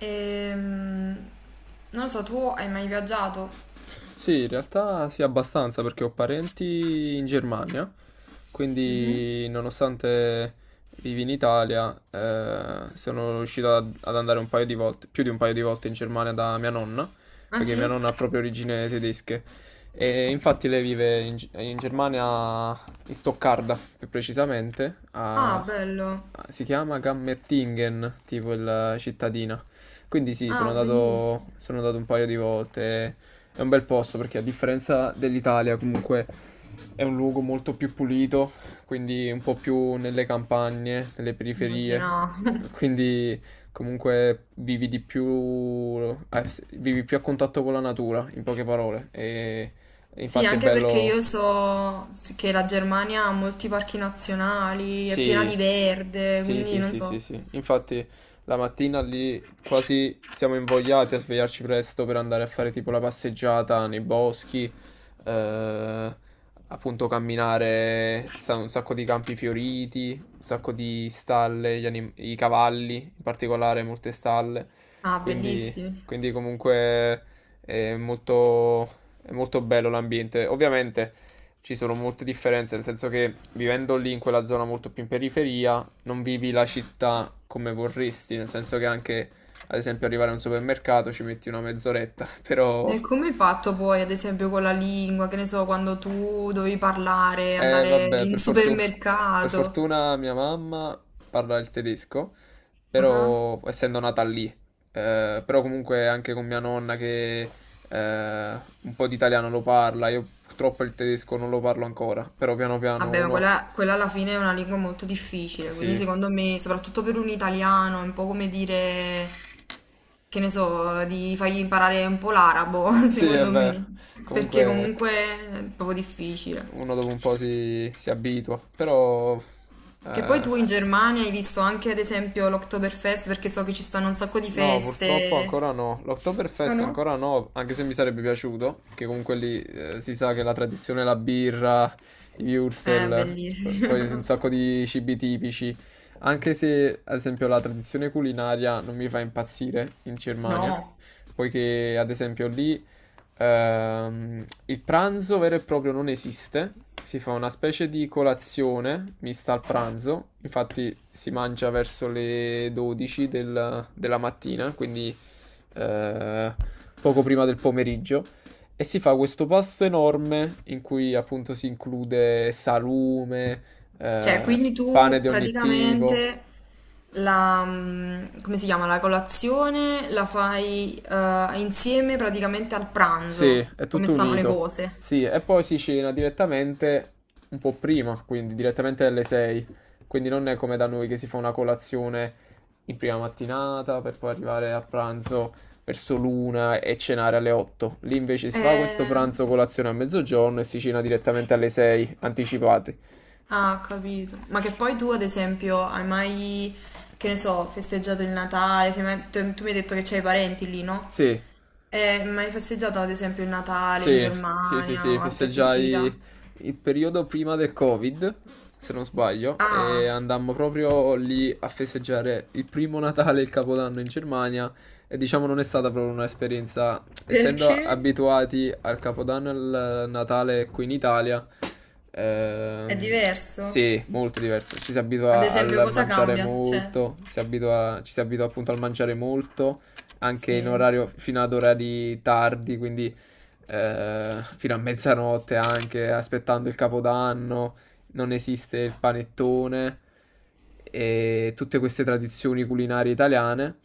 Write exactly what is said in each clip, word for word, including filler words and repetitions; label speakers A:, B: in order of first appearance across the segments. A: Ehm, Non lo so, tu hai mai viaggiato?
B: Sì, in realtà sì, abbastanza perché ho parenti in Germania,
A: Mhm.
B: quindi nonostante vivi in Italia, eh, sono riuscito ad ad andare un paio di volte, più di un paio di volte in Germania da mia nonna,
A: Ah
B: perché mia
A: sì?
B: nonna ha proprio origini tedesche. E infatti lei vive in, G- in Germania, in Stoccarda più precisamente, a- a-
A: Ah, bello.
B: si chiama Gammertingen, tipo la cittadina. Quindi sì, sono
A: Ah,
B: andato,
A: bellissimo.
B: sono andato un paio di volte. È un bel posto perché a differenza dell'Italia comunque è un luogo molto più pulito, quindi un po' più nelle campagne, nelle periferie,
A: Immaginavo.
B: quindi comunque vivi di più, eh, vivi più a contatto con la natura, in poche parole. E
A: Sì,
B: infatti è
A: anche perché
B: bello.
A: io so che la Germania ha molti parchi nazionali, è piena
B: Sì,
A: di verde,
B: sì,
A: quindi
B: sì,
A: non
B: sì, sì,
A: so.
B: sì. Infatti la mattina lì quasi siamo invogliati a svegliarci presto per andare a fare tipo la passeggiata nei boschi, eh, appunto camminare, sa- un sacco di campi fioriti, un sacco di stalle, gli anim- i cavalli, in particolare molte stalle.
A: Ah,
B: Quindi,
A: bellissimi.
B: quindi comunque è molto, è molto bello l'ambiente. Ovviamente ci sono molte differenze, nel senso che vivendo lì in quella zona molto più in periferia, non vivi la città come vorresti, nel senso che anche, ad esempio, arrivare a un supermercato ci metti una mezz'oretta, però
A: E come hai fatto poi, ad esempio, con la lingua, che ne so, quando tu dovevi parlare,
B: eh,
A: andare
B: vabbè,
A: in
B: per fortuna, per
A: supermercato?
B: fortuna mia mamma parla il tedesco,
A: Ah.
B: però essendo nata lì, eh, però comunque anche con mia nonna che eh, un po' di italiano lo parla, io purtroppo il tedesco non lo parlo ancora, però piano piano
A: Vabbè, ma
B: uno,
A: quella, quella alla fine è una lingua molto
B: eh,
A: difficile, quindi
B: sì.
A: secondo me, soprattutto per un italiano, è un po' come dire, che ne so, di fargli imparare un po' l'arabo,
B: Sì, è
A: secondo
B: vero.
A: me, perché
B: Comunque
A: comunque è proprio difficile.
B: uno dopo un po' si, si abitua. Però
A: Che poi
B: eh,
A: tu in Germania hai visto anche, ad esempio, l'Oktoberfest, perché so che ci stanno un sacco di
B: no, purtroppo
A: feste.
B: ancora no.
A: Ah
B: L'Oktoberfest
A: no?
B: ancora no, anche se mi sarebbe piaciuto, perché comunque lì eh, si sa che la tradizione è la birra, i
A: Eh,
B: würstel, p- poi un
A: bellissimo.
B: sacco di cibi tipici. Anche se, ad esempio, la tradizione culinaria non mi fa impazzire in Germania,
A: No.
B: poiché, ad esempio, lì Ehm, il pranzo vero e proprio non esiste, si fa una specie di colazione mista al pranzo, infatti si mangia verso le dodici del- della mattina, quindi eh, poco prima del pomeriggio, e si fa questo pasto enorme in cui appunto si include salume,
A: Cioè,
B: eh,
A: quindi
B: pane
A: tu
B: di ogni tipo.
A: praticamente la, mm, come si chiama, la colazione la fai eh, insieme praticamente al
B: Sì,
A: pranzo,
B: è
A: come
B: tutto
A: stanno le
B: unito.
A: cose.
B: Sì, e poi si cena direttamente un po' prima, quindi direttamente alle sei. Quindi non è come da noi che si fa una colazione in prima mattinata per poi arrivare a pranzo verso l'una e cenare alle otto. Lì invece si fa questo
A: Eh,
B: pranzo colazione a mezzogiorno e si cena direttamente alle sei, anticipati.
A: ah, ho capito. Ma che poi tu, ad esempio, hai mai, che ne so, festeggiato il Natale? Sei mai- tu, tu mi hai detto che c'hai parenti lì, no?
B: Sì.
A: Eh, ma hai festeggiato, ad esempio, il Natale in
B: Sì, sì, sì,
A: Germania
B: sì,
A: o altre festività?
B: festeggiai il periodo prima del Covid, se non sbaglio, e
A: Ah,
B: andammo proprio lì a festeggiare il primo Natale e il Capodanno in Germania e diciamo non è stata proprio un'esperienza, essendo
A: perché?
B: abituati al Capodanno e al Natale qui in Italia,
A: È
B: ehm,
A: diverso?
B: sì, molto diverso, ci si
A: Ad
B: abitua
A: esempio,
B: al
A: cosa
B: mangiare
A: cambia? Cioè,
B: molto, si abitua- ci si abitua appunto al mangiare molto, anche in
A: sì.
B: orario fino ad orari tardi, quindi eh, fino a mezzanotte anche, aspettando il Capodanno, non esiste il panettone e tutte queste tradizioni culinarie italiane.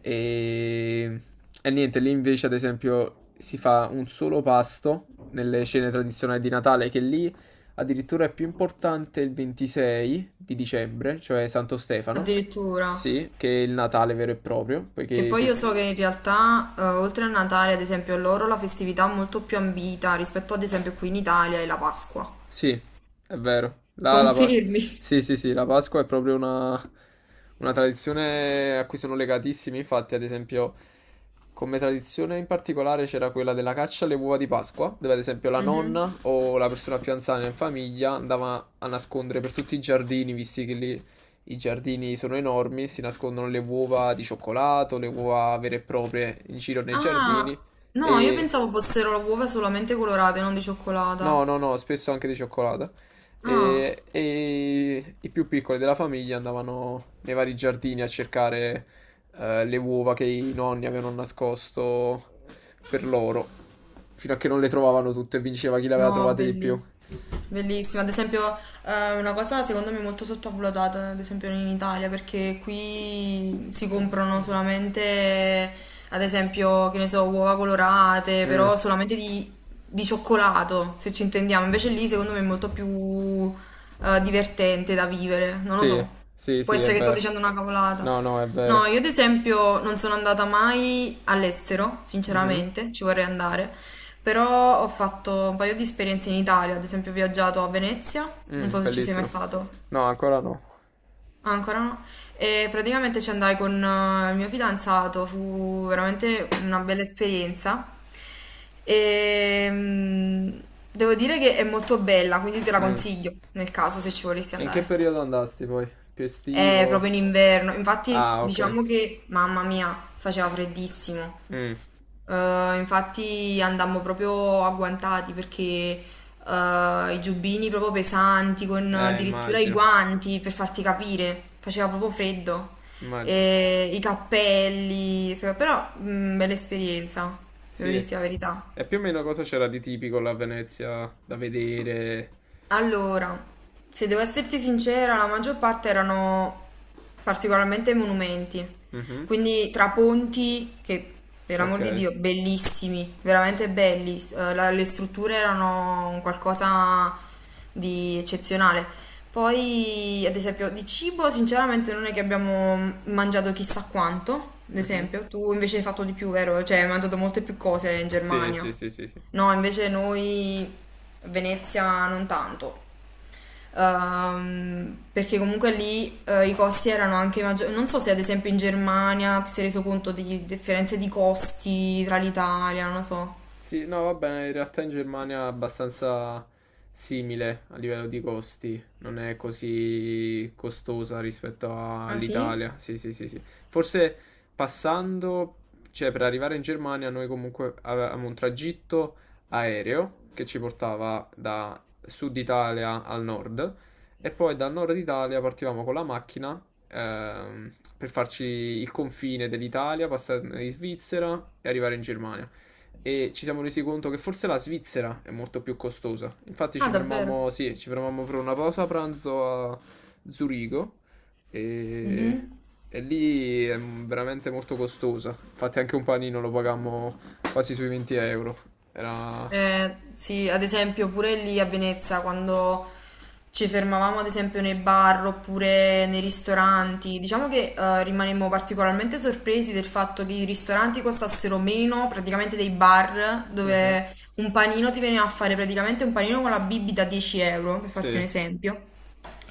B: E, e niente, lì invece, ad esempio, si fa un solo pasto nelle cene tradizionali di Natale, che lì addirittura è più importante il ventisei di dicembre, cioè Santo Stefano,
A: Addirittura.
B: sì, che è il Natale vero e proprio,
A: Che
B: poiché
A: poi
B: si.
A: io so che in realtà, eh, oltre a Natale, ad esempio, loro la festività è molto più ambita rispetto ad esempio qui in Italia è la Pasqua.
B: Sì, è vero. La, la Pa-
A: Confermi?
B: sì, sì, sì, la Pasqua è proprio una, una tradizione a cui sono legatissimi. Infatti, ad esempio, come tradizione in particolare c'era quella della caccia alle uova di Pasqua, dove ad esempio la
A: Mhm.
B: nonna o la persona più anziana in famiglia andava a nascondere per tutti i giardini, visti che lì i giardini sono enormi, si nascondono le uova di cioccolato, le uova vere e proprie in giro nei giardini
A: Ah, no, io
B: e.
A: pensavo fossero uova solamente colorate, non di cioccolata.
B: No, no, no, spesso anche di cioccolata.
A: Ah.
B: E, e i più piccoli della famiglia andavano nei vari giardini a cercare eh, le uova che i nonni avevano nascosto per loro, fino a che non le trovavano tutte e vinceva chi le aveva
A: No,
B: trovate di più.
A: belli. Bellissima. Ad esempio, eh, una cosa secondo me molto sottovalutata, ad esempio in Italia, perché qui si comprano solamente, ad esempio, che ne so, uova colorate,
B: Mm,
A: però solamente di, di cioccolato, se ci intendiamo. Invece lì secondo me è molto più eh, divertente da vivere, non lo
B: sì,
A: so.
B: sì,
A: Può
B: sì, è
A: essere che sto
B: vero.
A: dicendo una cavolata.
B: No, no, è vero.
A: No, io ad esempio non sono andata mai all'estero,
B: Mhm.
A: sinceramente, ci vorrei andare, però ho fatto un paio di esperienze in Italia, ad esempio ho viaggiato a Venezia, non
B: Mm,
A: so se ci sei mai
B: bellissimo.
A: stato.
B: No, ancora no.
A: Ah, ancora no, e praticamente ci andai con eh, il mio fidanzato, fu veramente una bella esperienza e mm, devo dire che è molto bella, quindi te la
B: Mm.
A: consiglio nel caso se ci volessi
B: E in che
A: andare.
B: periodo andasti poi? Più
A: È
B: estivo?
A: proprio in inverno, infatti
B: Ah, ok.
A: diciamo che, mamma mia, faceva freddissimo.
B: Mm.
A: Eh, infatti andammo proprio agguantati perché eh, i giubbini proprio pesanti, con
B: Eh,
A: addirittura i
B: immagino.
A: guanti per farti capire, faceva proprio freddo.
B: Immagino.
A: E i cappelli, se- però mh, bella esperienza, devo
B: Sì.
A: dirti la verità.
B: E più o meno cosa c'era di tipico la Venezia da vedere?
A: Allora, se devo esserti sincera, la maggior parte erano particolarmente monumenti,
B: Mhm.
A: quindi tra ponti, che per l'amor di
B: Ok.
A: Dio, bellissimi, veramente belli, s- eh, la- le strutture erano un qualcosa di eccezionale. Poi, ad esempio, di cibo, sinceramente non è che abbiamo mangiato chissà quanto, ad
B: Mhm.
A: esempio, tu invece hai fatto di più, vero? Cioè, hai mangiato molte più cose in
B: Sì,
A: Germania.
B: sì, sì, sì, sì.
A: No, invece noi Venezia non tanto. Ehm, perché comunque lì eh, i costi erano anche maggiori. Non so se ad esempio in Germania ti sei reso conto di differenze di costi tra l'Italia, non lo so.
B: Sì, no, va bene, in realtà in Germania è abbastanza simile a livello di costi, non è così costosa rispetto
A: Ah sì?
B: all'Italia. Sì, sì, sì, sì. Forse passando, cioè per arrivare in Germania noi comunque avevamo un tragitto aereo che ci portava da sud Italia al nord e poi dal nord Italia partivamo con la macchina ehm, per farci il confine dell'Italia, passare in Svizzera e arrivare in Germania e ci siamo resi conto che forse la Svizzera è molto più costosa. Infatti
A: Ah,
B: ci
A: davvero?
B: fermammo, sì, ci fermammo per una pausa pranzo a Zurigo e,
A: Mhm.
B: e lì è veramente molto costosa. Infatti anche un panino lo pagammo quasi sui venti euro. Era...
A: Eh, sì, ad esempio pure lì a Venezia quando ci fermavamo ad esempio nei bar oppure nei ristoranti, diciamo che eh, rimanemmo particolarmente sorpresi del fatto che i ristoranti costassero meno praticamente dei bar
B: Mhm,
A: dove un panino ti veniva a fare praticamente un panino con la bibita a dieci euro, per farti un
B: sì.
A: esempio.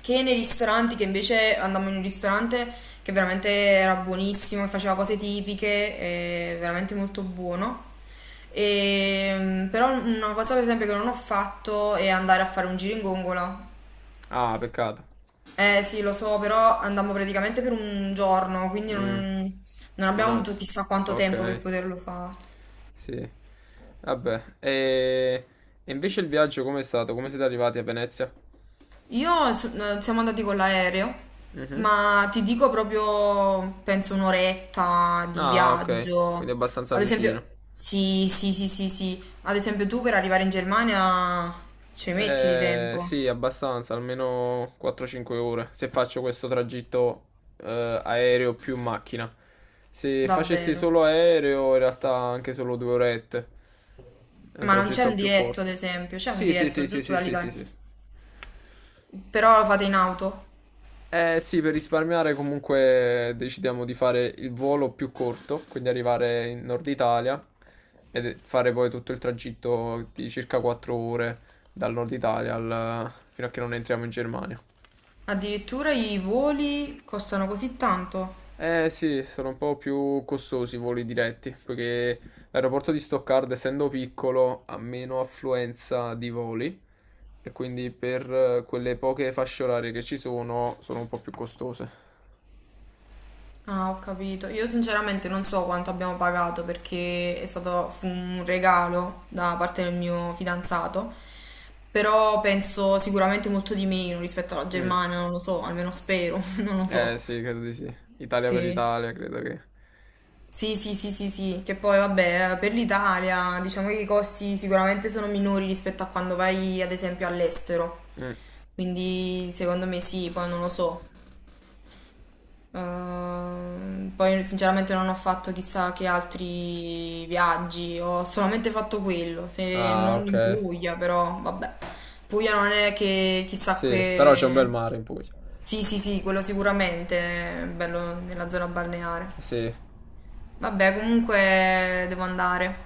A: Che nei ristoranti, che invece andammo in un ristorante che veramente era buonissimo, che faceva cose tipiche, eh, veramente molto buono. E, mm, però una cosa per esempio che non ho fatto è andare a fare un giro in gongola.
B: Ah, peccato.
A: Eh sì, lo so, però andammo praticamente per un giorno, quindi
B: Mm,
A: non, non
B: non
A: abbiamo avuto chissà
B: è...
A: quanto tempo per
B: Ok.
A: poterlo fare.
B: Sì. Vabbè. E... e invece il viaggio com'è stato? Come siete arrivati a Venezia?
A: Io so- eh, siamo andati con l'aereo,
B: Mhm.
A: ma ti dico proprio, penso un'oretta di
B: Ah, ok, quindi
A: viaggio.
B: abbastanza
A: Ad
B: vicino.
A: esempio, sì, sì, sì, sì, sì. Ad esempio tu per arrivare in Germania ci metti di
B: Eh,
A: tempo,
B: sì, abbastanza, almeno quattro cinque ore, se faccio questo tragitto eh, aereo più macchina. Se facessi
A: davvero.
B: solo aereo, in realtà anche solo due orette. È un
A: Ma non c'è
B: tragitto
A: un
B: più
A: diretto, ad
B: corto.
A: esempio, c'è un
B: Sì, sì,
A: diretto
B: sì, sì,
A: giusto
B: sì, sì, sì,
A: dall'Italia.
B: sì.
A: Però lo fate in auto.
B: Eh sì, per risparmiare comunque decidiamo di fare il volo più corto, quindi arrivare in Nord Italia e fare poi tutto il tragitto di circa quattro ore dal Nord Italia al- fino a che non entriamo in Germania.
A: Addirittura i voli costano così tanto.
B: Eh sì, sono un po' più costosi i voli diretti, poiché l'aeroporto di Stoccarda, essendo piccolo, ha meno affluenza di voli e quindi per eh, quelle poche fasce orarie che ci sono, sono un po' più costose.
A: Ah, ho capito. Io sinceramente non so quanto abbiamo pagato perché è stato fu un regalo da parte del mio fidanzato, però penso sicuramente molto di meno rispetto alla
B: Mm.
A: Germania, non lo so, almeno spero, non lo
B: Eh
A: so.
B: sì, credo di sì. Italia per
A: Sì.
B: Italia, credo che...
A: Sì, sì, sì, sì, sì, che poi vabbè, per l'Italia diciamo che i costi sicuramente sono minori rispetto a quando vai ad esempio all'estero,
B: Mm.
A: quindi secondo me sì, poi non lo so. Ehm, poi sinceramente non ho fatto chissà che altri viaggi, ho solamente fatto quello, se
B: Ah,
A: non
B: ok.
A: in Puglia, però vabbè. Puglia non è che chissà
B: Sì, però c'è un bel
A: che...
B: mare in Puglia.
A: Sì, sì, sì, quello sicuramente, bello nella zona balneare.
B: Sì,
A: Vabbè, comunque devo andare.